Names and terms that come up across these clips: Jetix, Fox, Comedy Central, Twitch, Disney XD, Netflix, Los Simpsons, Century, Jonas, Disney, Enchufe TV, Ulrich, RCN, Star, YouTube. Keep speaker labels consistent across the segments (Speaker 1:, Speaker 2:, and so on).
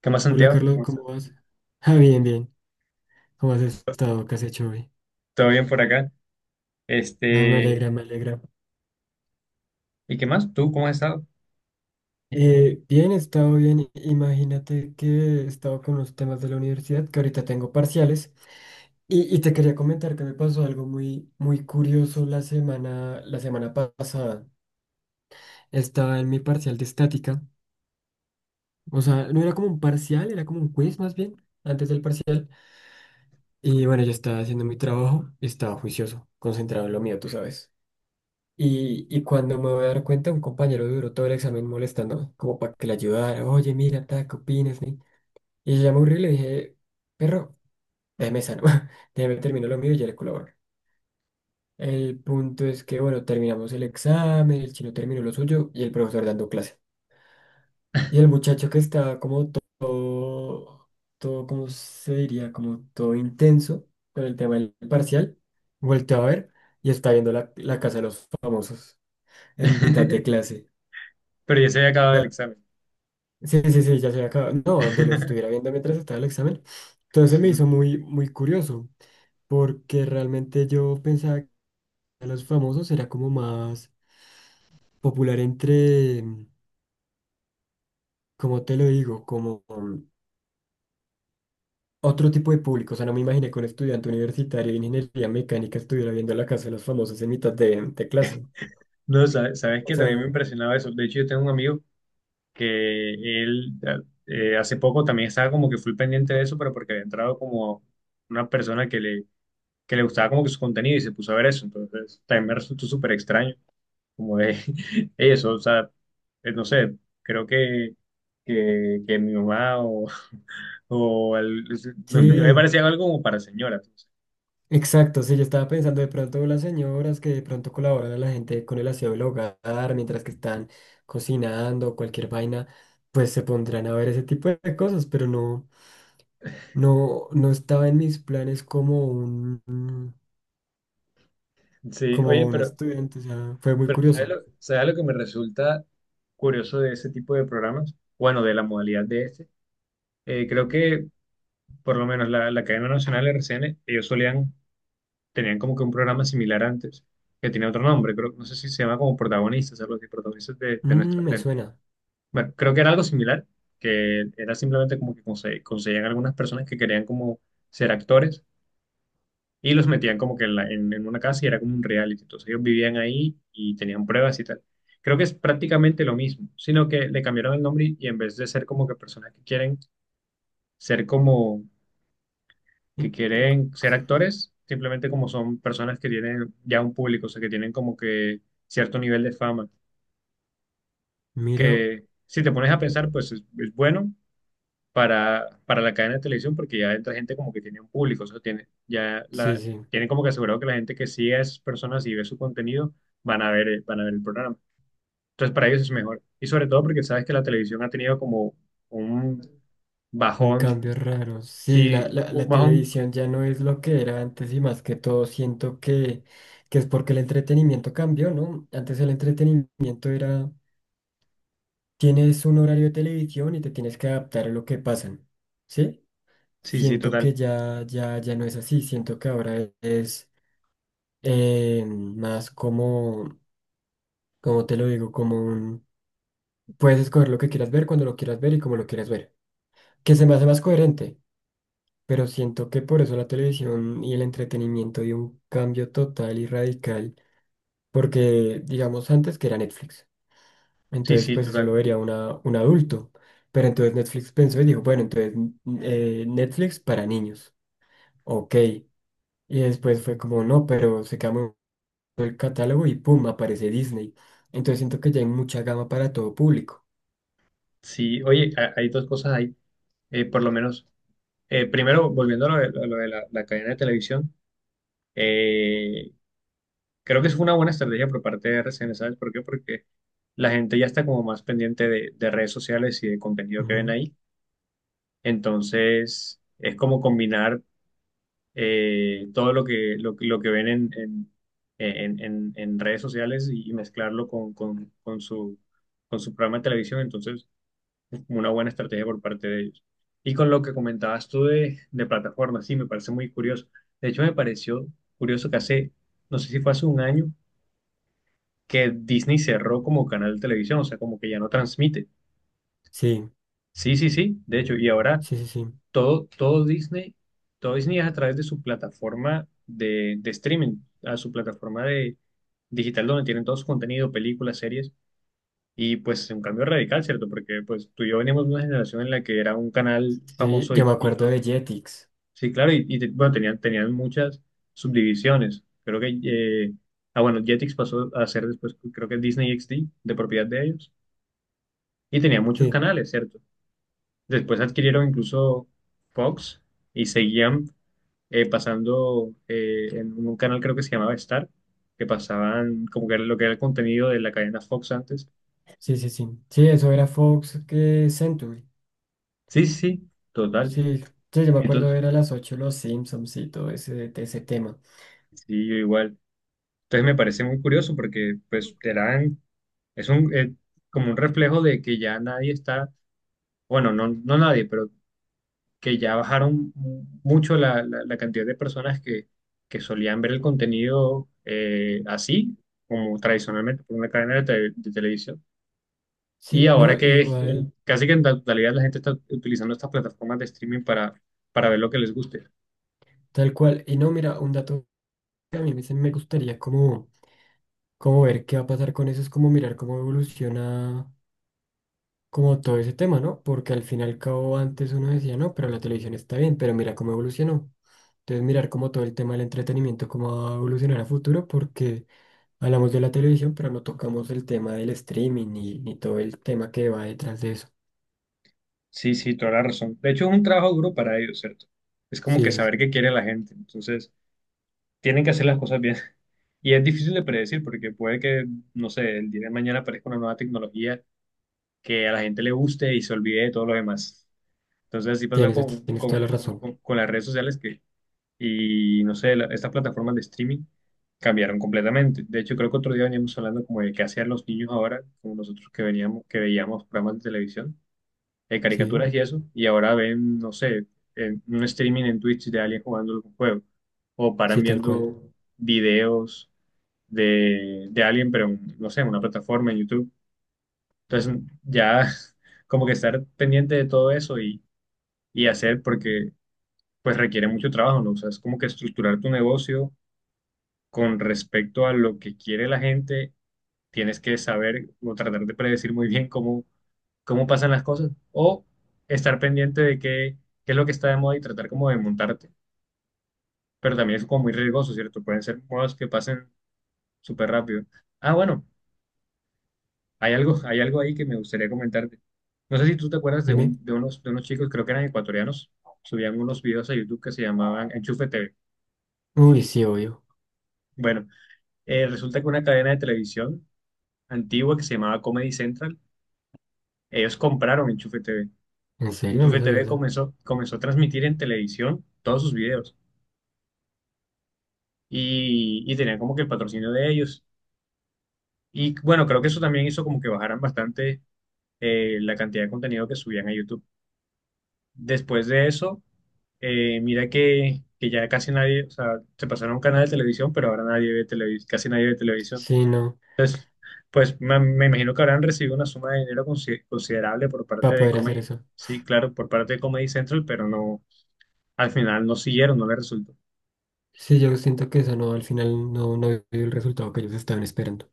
Speaker 1: ¿Qué más,
Speaker 2: Hola
Speaker 1: Santiago?
Speaker 2: Carlos,
Speaker 1: ¿Cómo
Speaker 2: ¿cómo
Speaker 1: estás?
Speaker 2: vas? Ah, bien, bien. ¿Cómo has estado? ¿Qué has hecho hoy?
Speaker 1: ¿Todo bien por acá?
Speaker 2: Ah, me
Speaker 1: Este,
Speaker 2: alegra, me alegra.
Speaker 1: ¿Y qué más? ¿Tú cómo has estado?
Speaker 2: Bien, he estado bien. Imagínate que he estado con los temas de la universidad, que ahorita tengo parciales. Y te quería comentar que me pasó algo muy, muy curioso la semana pasada. Estaba en mi parcial de estática. O sea, no era como un parcial, era como un quiz más bien, antes del parcial. Y bueno, yo estaba haciendo mi trabajo, estaba juicioso, concentrado en lo mío, tú sabes. Y cuando me voy a dar cuenta, un compañero duró todo el examen molestándome, como para que le ayudara. Oye, mira, ta, ¿qué opinas? Ni?". Y yo ya me aburrí y le dije, perro, déjeme sano, déjeme terminar lo mío y ya le colaboro. El punto es que, bueno, terminamos el examen, el chino terminó lo suyo y el profesor dando clase. Y el muchacho que estaba como todo, todo, ¿cómo se diría? Como todo intenso con el tema del parcial, volteó a ver y está viendo la casa de los famosos en mitad de clase.
Speaker 1: Pero ya se había acabado el examen.
Speaker 2: Sí, sí, sí, ya se había acabado. No, donde lo estuviera viendo mientras estaba el examen. Entonces se me hizo muy, muy curioso, porque realmente yo pensaba que los famosos era como más popular entre, como te lo digo, otro tipo de público. O sea, no me imaginé que un estudiante universitario de ingeniería mecánica estuviera viendo la casa de los famosos en mitad de clase.
Speaker 1: No, sabes
Speaker 2: O
Speaker 1: que también
Speaker 2: sea,
Speaker 1: me impresionaba eso. De hecho, yo tengo un amigo que él hace poco también estaba como que full pendiente de eso, pero porque había entrado como una persona que le gustaba como que su contenido y se puso a ver eso. Entonces también me resultó súper extraño, como de eso, o sea, no sé, creo que, que mi mamá o me
Speaker 2: sí.
Speaker 1: parecía algo como para señora. Entonces.
Speaker 2: Exacto, sí, yo estaba pensando de pronto las señoras que de pronto colaboran a la gente con el aseo del hogar mientras que están cocinando, cualquier vaina, pues se pondrán a ver ese tipo de cosas, pero no, no, no estaba en mis planes
Speaker 1: Sí,
Speaker 2: como
Speaker 1: oye,
Speaker 2: un estudiante, o sea, fue muy
Speaker 1: pero
Speaker 2: curioso.
Speaker 1: ¿sabes lo que me resulta curioso de ese tipo de programas? Bueno, de la modalidad de este. Creo que por lo menos la cadena nacional RCN, tenían como que un programa similar antes, que tenía otro nombre, creo, no sé si se llama como protagonistas, algo así, protagonistas de nuestra
Speaker 2: Mm, me
Speaker 1: tele.
Speaker 2: suena.
Speaker 1: Bueno, creo que era algo similar, que era simplemente como que conseguían algunas personas que querían como ser actores y los metían como que en, en una casa y era como un reality, entonces ellos vivían ahí y tenían pruebas y tal. Creo que es prácticamente lo mismo, sino que le cambiaron el nombre y en vez de ser como que personas que quieren ser como que
Speaker 2: Y, eh,
Speaker 1: quieren ser actores, simplemente como son personas que tienen ya un público, o sea, que tienen como que cierto nivel de fama,
Speaker 2: Mira,
Speaker 1: que si te pones a pensar, pues es bueno para la cadena de televisión porque ya entra gente como que tiene un público, o sea,
Speaker 2: sí, sí.
Speaker 1: tienen como que asegurado que la gente que sigue a esas personas y ve su contenido van a ver, van a ver el programa. Entonces, para ellos es mejor. Y sobre todo porque sabes que la televisión ha tenido como un
Speaker 2: Un cambio
Speaker 1: bajón,
Speaker 2: raro. Sí,
Speaker 1: sí,
Speaker 2: la, la,
Speaker 1: un
Speaker 2: la
Speaker 1: bajón,
Speaker 2: televisión ya no es lo que era antes y más que todo siento que es porque el entretenimiento cambió, ¿no? Antes el entretenimiento era, tienes un horario de televisión y te tienes que adaptar a lo que pasan, ¿sí?
Speaker 1: sí, sí,
Speaker 2: Siento
Speaker 1: total.
Speaker 2: que ya, ya, ya no es así, siento que ahora es más como, como te lo digo, como un, puedes escoger lo que quieras ver, cuando lo quieras ver y como lo quieras ver, que se me hace más coherente. Pero siento que por eso la televisión y el entretenimiento dio un cambio total y radical, porque digamos antes que era Netflix,
Speaker 1: Sí,
Speaker 2: entonces
Speaker 1: sí,
Speaker 2: pues eso lo
Speaker 1: total.
Speaker 2: vería una, un adulto, pero entonces Netflix pensó y dijo, bueno, entonces Netflix para niños, ok, y después fue como, no, pero se cambió el catálogo y pum, aparece Disney, entonces siento que ya hay mucha gama para todo público.
Speaker 1: Sí, oye, hay dos cosas ahí, por lo menos. Primero, volviendo a lo de la cadena de televisión, eh, creo que es una buena estrategia por parte de RCN, ¿sabes por qué? Porque la gente ya está como más pendiente de redes sociales y de contenido que ven
Speaker 2: Ujú.
Speaker 1: ahí. Entonces, es como combinar todo lo que lo que ven en redes sociales y mezclarlo con su programa de televisión. Entonces, una buena estrategia por parte de ellos. Y con lo que comentabas tú de plataformas, sí, me parece muy curioso. De hecho, me pareció curioso que hace, no sé si fue hace un año, que Disney cerró como canal de televisión, o sea, como que ya no transmite.
Speaker 2: Sí,
Speaker 1: Sí, sí, sí, de hecho, y ahora
Speaker 2: sí, sí, sí.
Speaker 1: todo, todo Disney, todo Disney es a través de su plataforma de streaming, a su plataforma de digital donde tienen todo su contenido, películas, series. Y pues es un cambio radical, ¿cierto? Porque pues tú y yo venimos de una generación en la que era un canal
Speaker 2: Sí,
Speaker 1: famoso
Speaker 2: yo
Speaker 1: y
Speaker 2: me acuerdo de Jetix.
Speaker 1: sí, claro, y bueno, tenían muchas subdivisiones. Creo que, ah, bueno, Jetix pasó a ser después, creo que Disney XD, de propiedad de ellos, y tenía muchos
Speaker 2: Sí,
Speaker 1: canales, ¿cierto? Después adquirieron incluso Fox y seguían pasando en un canal, creo que se llamaba Star, que pasaban como que era lo que era el contenido de la cadena Fox antes.
Speaker 2: sí, sí, sí. Sí, eso era Fox que Century.
Speaker 1: Sí, sí, sí, total.
Speaker 2: Sí, sí, yo me acuerdo
Speaker 1: Entonces,
Speaker 2: era a las 8 Los Simpsons y todo ese, ese tema.
Speaker 1: sí, yo igual. Entonces me parece muy curioso porque pues eran es un, como un reflejo de que ya nadie está, bueno, no, no nadie, pero que ya bajaron mucho la, la cantidad de personas que solían ver el contenido así, como tradicionalmente por una cadena de televisión. Y
Speaker 2: Sí,
Speaker 1: ahora
Speaker 2: no,
Speaker 1: que
Speaker 2: igual,
Speaker 1: casi que en la totalidad la gente está utilizando estas plataformas de streaming para ver lo que les guste.
Speaker 2: tal cual. Y no, mira, un dato que a mí me, me gustaría como, como ver qué va a pasar con eso es como mirar cómo evoluciona. Como todo ese tema, ¿no? Porque al fin y al cabo antes uno decía, no, pero la televisión está bien, pero mira cómo evolucionó. Entonces mirar como todo el tema del entretenimiento, cómo va a evolucionar a futuro, porque hablamos de la televisión, pero no tocamos el tema del streaming ni, ni todo el tema que va detrás de eso.
Speaker 1: Sí, sí, toda la razón. De hecho, es un trabajo duro para ellos, ¿cierto? Es como que
Speaker 2: Sí, sí,
Speaker 1: saber qué quiere la gente. Entonces... tienen que hacer las cosas bien. Y es difícil de predecir porque puede que, no sé, el día de mañana aparezca una nueva tecnología que a la gente le guste y se olvide de todo lo demás. Entonces así pasó
Speaker 2: tienes, tienes toda la razón.
Speaker 1: con las redes sociales que, y no sé, estas plataformas de streaming cambiaron completamente. De hecho, creo que otro día veníamos hablando como de qué hacían los niños ahora, como nosotros que veníamos, que veíamos programas de televisión, de
Speaker 2: Sí,
Speaker 1: caricaturas y eso, y ahora ven, no sé, en un streaming en Twitch de alguien jugando algún juego, o paran
Speaker 2: sí, tal cual.
Speaker 1: viendo videos de alguien, pero en, no sé, en una plataforma, en YouTube. Entonces, ya como que estar pendiente de todo eso y hacer, porque pues requiere mucho trabajo, ¿no? O sea, es como que estructurar tu negocio con respecto a lo que quiere la gente, tienes que saber o tratar de predecir muy bien cómo, cómo pasan las cosas o estar pendiente de qué es lo que está de moda y tratar como de montarte. Pero también es como muy riesgoso, ¿cierto? Pueden ser modas que pasen súper rápido. Ah, bueno. Hay algo ahí que me gustaría comentarte. No sé si tú te acuerdas
Speaker 2: Dime.
Speaker 1: de unos chicos, creo que eran ecuatorianos, subían unos videos a YouTube que se llamaban Enchufe TV.
Speaker 2: Uy, sí, obvio.
Speaker 1: Bueno, resulta que una cadena de televisión antigua que se llamaba Comedy Central, ellos compraron Enchufe TV.
Speaker 2: ¿En serio? No me
Speaker 1: Enchufe
Speaker 2: sabía
Speaker 1: TV
Speaker 2: eso.
Speaker 1: comenzó a transmitir en televisión todos sus videos y tenían como que el patrocinio de ellos. Y bueno, creo que eso también hizo como que bajaran bastante la cantidad de contenido que subían a YouTube. Después de eso eh, mira que ya casi nadie, o sea, se pasaron a un canal de televisión, pero ahora nadie ve televisión, casi nadie ve televisión.
Speaker 2: Sí, no,
Speaker 1: Entonces, pues me imagino que habrán recibido una suma de dinero considerable por parte
Speaker 2: para
Speaker 1: de
Speaker 2: poder hacer
Speaker 1: Comedy,
Speaker 2: eso.
Speaker 1: sí, claro, por parte de Comedy Central, pero no, al final no siguieron, no les resultó.
Speaker 2: Sí, yo siento que eso no, al final no, no dio el resultado que ellos estaban esperando.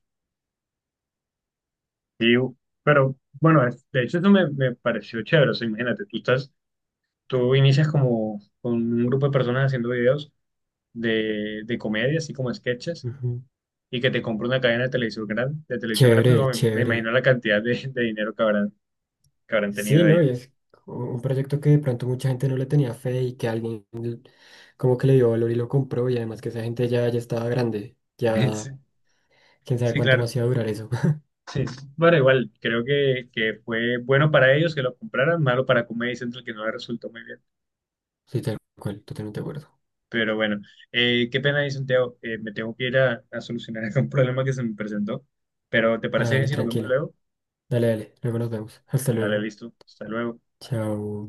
Speaker 1: Y, pero bueno, es- de hecho eso me pareció chévere, o sea, imagínate, tú estás, tú inicias como con un grupo de personas haciendo videos de comedia, así como sketches
Speaker 2: Ujú.
Speaker 1: y que te compre una cadena de televisión grande,
Speaker 2: Chévere,
Speaker 1: no, me
Speaker 2: chévere.
Speaker 1: imagino la cantidad de dinero que habrán
Speaker 2: Sí,
Speaker 1: tenido
Speaker 2: ¿no? Y
Speaker 1: ellos.
Speaker 2: es un proyecto que de pronto mucha gente no le tenía fe y que alguien como que le dio valor y lo compró y además que esa gente ya, ya estaba grande.
Speaker 1: Sí,
Speaker 2: Ya, quién sabe
Speaker 1: sí,
Speaker 2: cuánto
Speaker 1: claro.
Speaker 2: más iba a durar eso.
Speaker 1: Sí, sí. Bueno, igual, que fue bueno para ellos que lo compraran, malo para Comedy Central que no le resultó muy bien.
Speaker 2: Sí, tal cual, totalmente de acuerdo.
Speaker 1: Pero bueno, qué pena, ahí, Santiago, me tengo que ir a solucionar un problema que se me presentó. Pero ¿te
Speaker 2: Ah,
Speaker 1: parece bien
Speaker 2: dale,
Speaker 1: si nos vemos
Speaker 2: tranquilo.
Speaker 1: luego?
Speaker 2: Dale, dale. Luego nos vemos. Hasta
Speaker 1: Dale,
Speaker 2: luego.
Speaker 1: listo. Hasta luego.
Speaker 2: Chao.